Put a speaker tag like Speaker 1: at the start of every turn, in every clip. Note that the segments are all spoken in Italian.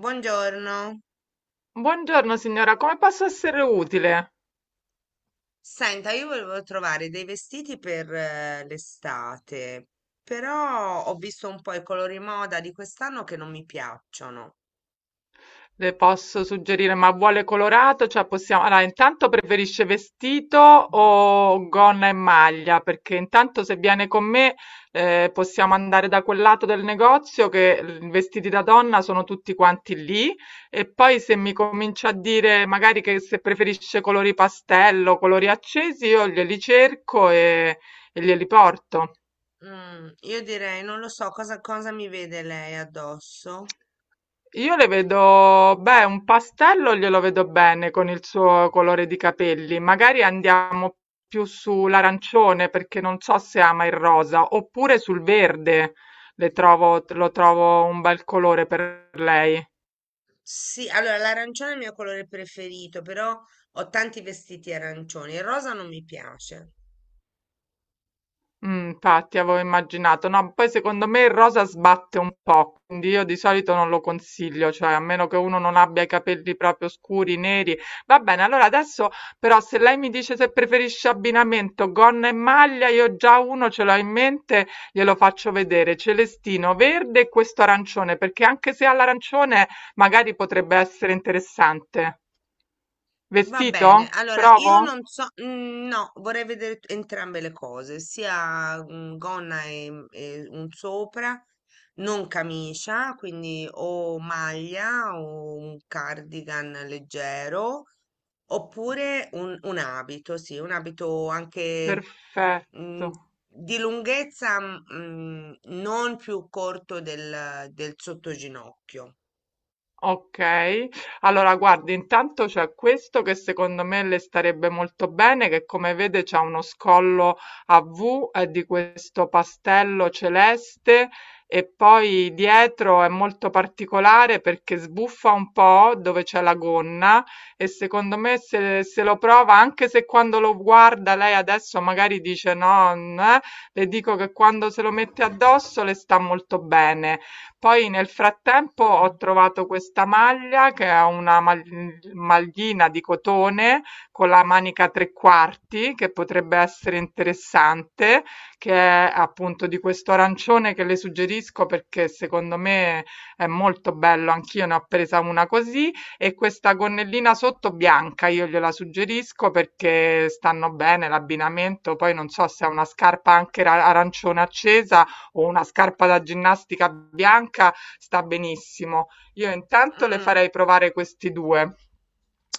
Speaker 1: Buongiorno.
Speaker 2: Buongiorno signora, come posso essere utile?
Speaker 1: Senta, io volevo trovare dei vestiti per l'estate, però ho visto un po' i colori moda di quest'anno che non mi piacciono.
Speaker 2: Le posso suggerire, ma vuole colorato? Cioè possiamo... Allora, intanto preferisce vestito o gonna e maglia? Perché intanto se viene con me possiamo andare da quel lato del negozio che i vestiti da donna sono tutti quanti lì e poi se mi comincia a dire magari che se preferisce colori pastello, colori accesi, io glieli cerco e glieli porto.
Speaker 1: Mm, io direi, non lo so, cosa mi vede lei addosso?
Speaker 2: Io le vedo, beh, un pastello glielo vedo bene con il suo colore di capelli. Magari andiamo più sull'arancione perché non so se ama il rosa, oppure sul verde. Le trovo, lo trovo un bel colore per lei.
Speaker 1: Sì, allora l'arancione è il mio colore preferito, però ho tanti vestiti arancioni. Il rosa non mi piace.
Speaker 2: Infatti avevo immaginato. No, poi secondo me il rosa sbatte un po', quindi io di solito non lo consiglio, cioè a meno che uno non abbia i capelli proprio scuri, neri. Va bene, allora adesso però se lei mi dice se preferisce abbinamento gonna e maglia, io già uno ce l'ho in mente, glielo faccio vedere, celestino verde e questo arancione, perché anche se ha l'arancione magari potrebbe essere interessante.
Speaker 1: Va
Speaker 2: Vestito?
Speaker 1: bene, allora
Speaker 2: Provo?
Speaker 1: io non so, mm, no, vorrei vedere entrambe le cose, sia gonna e, e un sopra, non camicia, quindi o maglia o un cardigan leggero, oppure un abito, sì, un abito anche
Speaker 2: Perfetto.
Speaker 1: mm, di lunghezza non più corto del sottoginocchio.
Speaker 2: Okay. Allora guardi, intanto c'è questo che secondo me le starebbe molto bene, che come vede c'ha uno scollo a V, è di questo pastello celeste e poi dietro è molto particolare perché sbuffa un po' dove c'è la gonna e secondo me se se lo prova, anche se quando lo guarda lei adesso magari dice: "No" n le dico che quando se lo mette addosso le sta molto bene. Poi nel frattempo ho
Speaker 1: Mm.
Speaker 2: trovato questa maglia che è una maglina di cotone con la manica a tre quarti che potrebbe essere interessante, che è appunto di questo arancione che le suggerisco perché secondo me è molto bello, anch'io ne ho presa una così e questa gonnellina sotto bianca io gliela suggerisco perché stanno bene l'abbinamento, poi non so se è una scarpa anche arancione accesa o una scarpa da ginnastica bianca sta benissimo. Io intanto le
Speaker 1: Mm.
Speaker 2: farei provare questi due.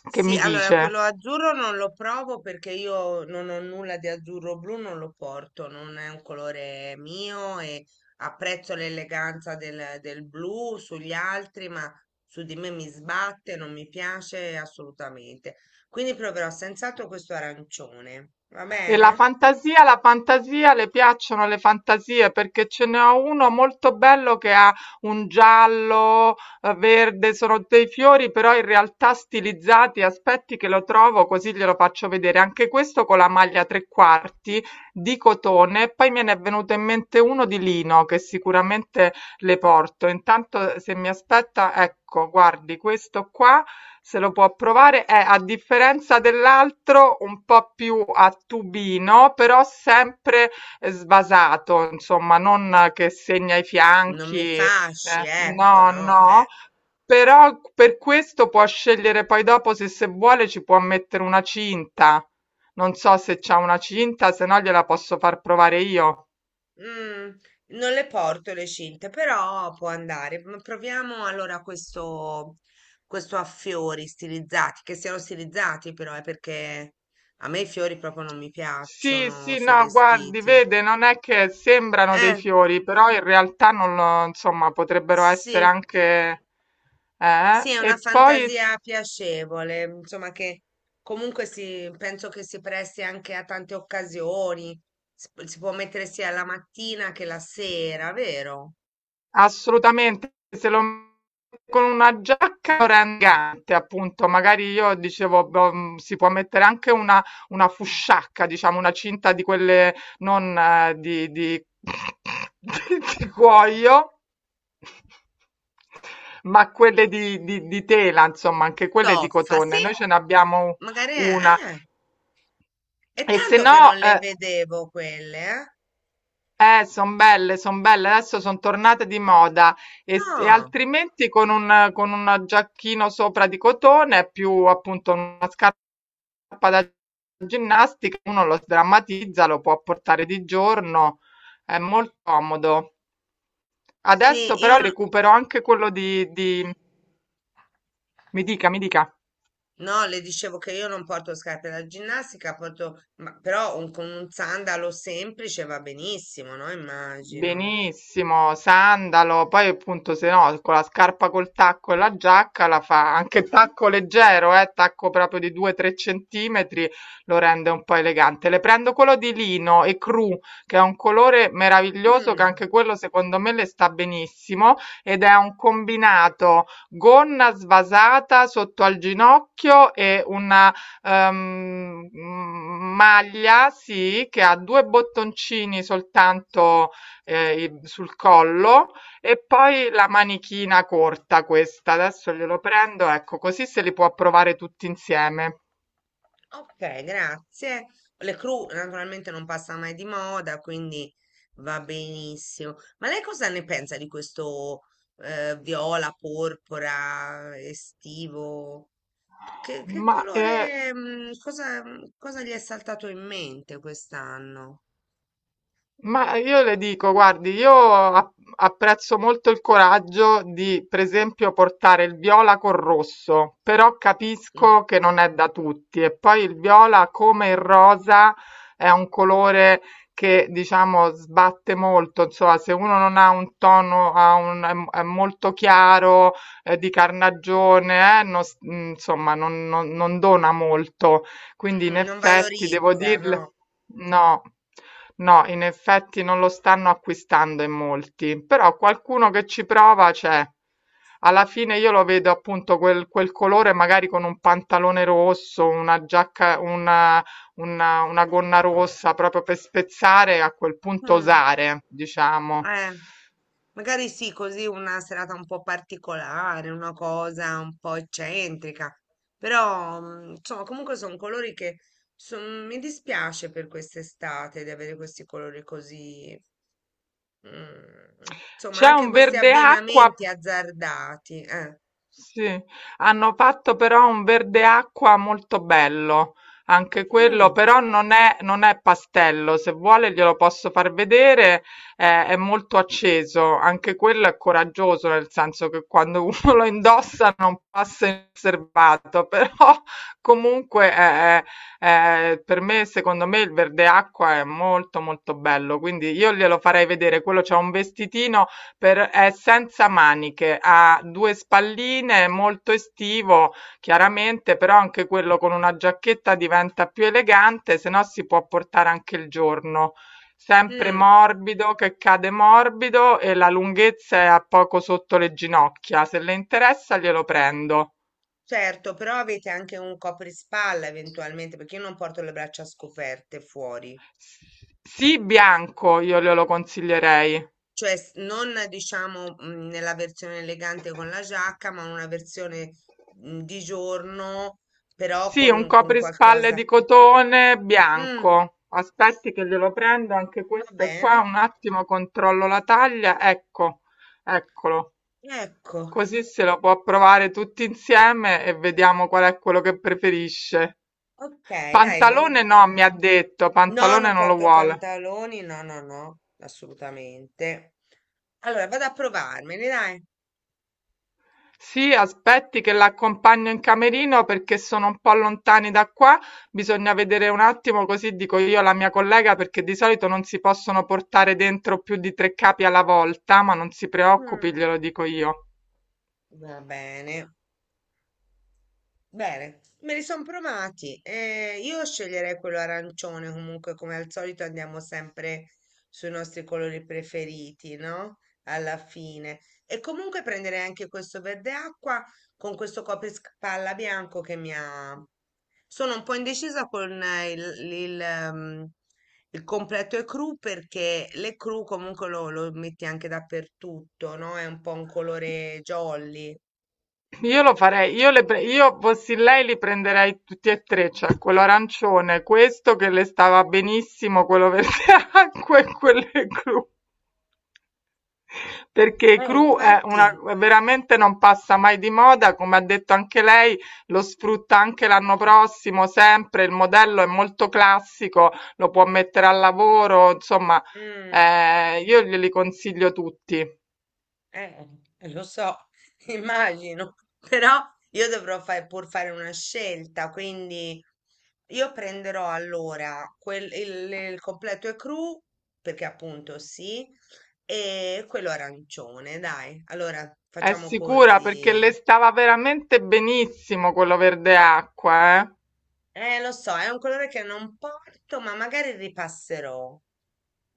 Speaker 2: Che
Speaker 1: Sì,
Speaker 2: mi
Speaker 1: allora quello
Speaker 2: dice?
Speaker 1: azzurro non lo provo perché io non ho nulla di azzurro blu, non lo porto, non è un colore mio e apprezzo l'eleganza del blu sugli altri, ma su di me mi sbatte, non mi piace assolutamente. Quindi proverò senz'altro questo arancione, va
Speaker 2: E
Speaker 1: bene?
Speaker 2: la fantasia, le piacciono le fantasie perché ce ne ho uno molto bello che ha un giallo, verde, sono dei fiori però in realtà stilizzati. Aspetti che lo trovo così glielo faccio vedere. Anche questo con la maglia tre quarti di cotone. Poi me ne è venuto in mente uno di lino che sicuramente le porto. Intanto se mi aspetta, ecco, guardi questo qua se lo può provare, è a differenza dell'altro un po' più a tubino, però sempre sbasato, insomma, non che segna i
Speaker 1: Non mi
Speaker 2: fianchi,
Speaker 1: fasci, ecco,
Speaker 2: no,
Speaker 1: no?
Speaker 2: no. Però per questo può scegliere poi dopo se, se vuole ci può mettere una cinta. Non so se c'ha una cinta, se no gliela posso far provare io.
Speaker 1: Mm, non le porto le cinte, però può andare. Proviamo allora questo a fiori stilizzati, che siano stilizzati però, è perché a me i fiori proprio non mi
Speaker 2: Sì,
Speaker 1: piacciono
Speaker 2: sì,
Speaker 1: sui
Speaker 2: no, guardi,
Speaker 1: vestiti.
Speaker 2: vede, non è che sembrano dei
Speaker 1: Eh,
Speaker 2: fiori, però in realtà non lo, insomma, potrebbero essere
Speaker 1: sì,
Speaker 2: anche... Eh?
Speaker 1: sì, è una
Speaker 2: E poi...
Speaker 1: fantasia piacevole, insomma che comunque si, penso che si presti anche a tante occasioni. Si, si può mettere sia la mattina che la sera, vero?
Speaker 2: Assolutamente, se lo mette con una giacca lo rende elegante, appunto, magari io dicevo, boh, si può mettere anche una fusciacca, diciamo, una cinta di quelle non di cuoio, ma quelle di tela, insomma, anche quelle di
Speaker 1: Toffa, sì.
Speaker 2: cotone. Noi ce n'abbiamo
Speaker 1: Magari
Speaker 2: una.
Speaker 1: è
Speaker 2: E se
Speaker 1: tanto che
Speaker 2: no,
Speaker 1: non le vedevo quelle, eh?
Speaker 2: son belle, adesso son tornate di moda e, e
Speaker 1: Ah,
Speaker 2: altrimenti con un giacchino sopra di cotone, più appunto una scarpa da ginnastica, uno lo sdrammatizza, lo può portare di giorno, è molto comodo. Adesso
Speaker 1: sì,
Speaker 2: però
Speaker 1: io no,
Speaker 2: recupero anche quello di... Mi dica, mi dica.
Speaker 1: no, le dicevo che io non porto scarpe da ginnastica, porto, ma, però con un sandalo semplice va benissimo, no? Immagino.
Speaker 2: Benissimo, sandalo, poi appunto se no con la scarpa col tacco e la giacca la fa anche tacco leggero, tacco proprio di 2-3 centimetri, lo rende un po' elegante. Le prendo quello di lino e cru, che è un colore meraviglioso che
Speaker 1: Mm,
Speaker 2: anche quello secondo me le sta benissimo ed è un combinato gonna svasata sotto al ginocchio e una maglia, sì, che ha due bottoncini soltanto i sul collo e poi la manichina corta questa. Adesso glielo prendo, ecco, così se li può provare tutti insieme.
Speaker 1: ok, grazie. Le cru naturalmente non passa mai di moda, quindi va benissimo. Ma lei cosa ne pensa di questo viola, porpora, estivo? Che
Speaker 2: Ma, ehm
Speaker 1: colore, cosa, cosa gli è saltato in mente quest'anno?
Speaker 2: Ma io le dico, guardi, apprezzo molto il coraggio di, per esempio, portare il viola col rosso, però
Speaker 1: Mm,
Speaker 2: capisco che non è da tutti. E poi il viola, come il rosa, è un colore che, diciamo, sbatte molto. Insomma, se uno non ha un tono, è molto chiaro, di carnagione, non s- insomma, non dona molto.
Speaker 1: mm,
Speaker 2: Quindi in
Speaker 1: mm, non
Speaker 2: effetti devo
Speaker 1: valorizza, no?
Speaker 2: dirle no, no, in effetti non lo stanno acquistando in molti, però qualcuno che ci prova c'è. Alla fine io lo vedo appunto quel, quel colore magari con un pantalone rosso, una giacca, una gonna rossa proprio per spezzare, a quel punto
Speaker 1: Mm,
Speaker 2: osare, diciamo.
Speaker 1: eh, magari sì, così una serata un po' particolare, una cosa un po' eccentrica, però insomma, comunque sono colori che mi dispiace per quest'estate di avere questi colori così, mm, insomma,
Speaker 2: C'è
Speaker 1: anche
Speaker 2: un
Speaker 1: questi
Speaker 2: verde acqua
Speaker 1: abbinamenti azzardati, eh.
Speaker 2: sì, hanno fatto però un verde acqua molto bello, anche quello,
Speaker 1: Mm,
Speaker 2: però non è, non è pastello, se vuole glielo posso far vedere, è molto acceso, anche quello è coraggioso, nel senso che quando uno lo indossa non passa inosservato, però comunque per me, secondo me il verde acqua è molto molto bello, quindi io glielo farei vedere, quello c'è un vestitino è senza maniche, ha due spalline, è molto estivo, chiaramente, però anche quello con una giacchetta diventa più elegante, se no si può portare anche il giorno. Sempre
Speaker 1: mm.
Speaker 2: morbido, che cade morbido e la lunghezza è a poco sotto le ginocchia. Se le interessa, glielo prendo.
Speaker 1: Certo, però avete anche un coprispalla eventualmente, perché io non porto le braccia scoperte fuori,
Speaker 2: S- Sì, bianco, io glielo consiglierei.
Speaker 1: cioè non diciamo nella versione elegante con la giacca, ma una versione di giorno, però
Speaker 2: Sì, un
Speaker 1: con
Speaker 2: coprispalle
Speaker 1: qualcosa.
Speaker 2: di
Speaker 1: Mm,
Speaker 2: cotone
Speaker 1: mm,
Speaker 2: bianco. Aspetti che glielo prendo, anche
Speaker 1: va
Speaker 2: questo qua,
Speaker 1: bene,
Speaker 2: un attimo controllo la taglia. Ecco, eccolo.
Speaker 1: ecco,
Speaker 2: Così se lo può provare tutti insieme e vediamo qual è quello che preferisce.
Speaker 1: ok, dai.
Speaker 2: Pantalone no, mi ha detto,
Speaker 1: No,
Speaker 2: pantalone
Speaker 1: non
Speaker 2: non lo
Speaker 1: porto
Speaker 2: vuole.
Speaker 1: pantaloni, no, no, no, assolutamente. Allora, vado a provarmeli, dai.
Speaker 2: Sì, aspetti che la accompagno in camerino perché sono un po' lontani da qua, bisogna vedere un attimo, così dico io alla mia collega perché di solito non si possono portare dentro più di 3 capi alla volta, ma non si preoccupi,
Speaker 1: Mm,
Speaker 2: glielo dico io.
Speaker 1: va bene. Bene, me li sono provati. Io sceglierei quello arancione, comunque come al solito andiamo sempre sui nostri colori preferiti, no? Alla fine. E comunque prenderei anche questo verde acqua con questo coprispalla bianco che mi ha... Sono un po' indecisa con il, ehm, il completo e cru perché le cru comunque lo metti anche dappertutto, no? È un po' un colore jolly.
Speaker 2: Io lo farei, io, io fossi lei li prenderei tutti e tre, cioè quello arancione, questo che le stava benissimo, quello verde acqua e quello blu. Perché cru è una
Speaker 1: Infatti...
Speaker 2: veramente non passa mai di moda, come ha detto anche lei, lo sfrutta anche l'anno prossimo, sempre, il modello è molto classico, lo può mettere al lavoro, insomma,
Speaker 1: Mm,
Speaker 2: io glieli consiglio tutti.
Speaker 1: eh, lo so, immagino, però io pur fare una scelta, quindi io prenderò allora il completo e cru, perché appunto sì, e quello arancione, dai, allora
Speaker 2: È
Speaker 1: facciamo
Speaker 2: sicura perché
Speaker 1: così.
Speaker 2: le stava veramente benissimo quello verde acqua, eh?
Speaker 1: Lo so, è un colore che non porto, ma magari ripasserò,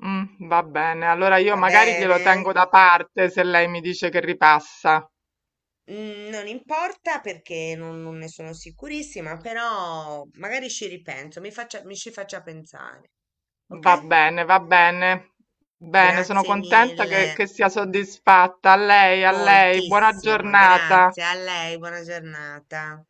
Speaker 2: Mm, va bene, allora io
Speaker 1: va
Speaker 2: magari glielo
Speaker 1: bene?
Speaker 2: tengo da parte se lei mi dice che ripassa.
Speaker 1: Mm, non importa perché non ne sono sicurissima, però magari ci ripenso, mi ci faccia pensare, ok?
Speaker 2: Va bene, va bene. Bene, sono
Speaker 1: Grazie
Speaker 2: contenta
Speaker 1: mille,
Speaker 2: che sia soddisfatta. A lei, buona
Speaker 1: moltissimo,
Speaker 2: giornata.
Speaker 1: grazie a lei, buona giornata.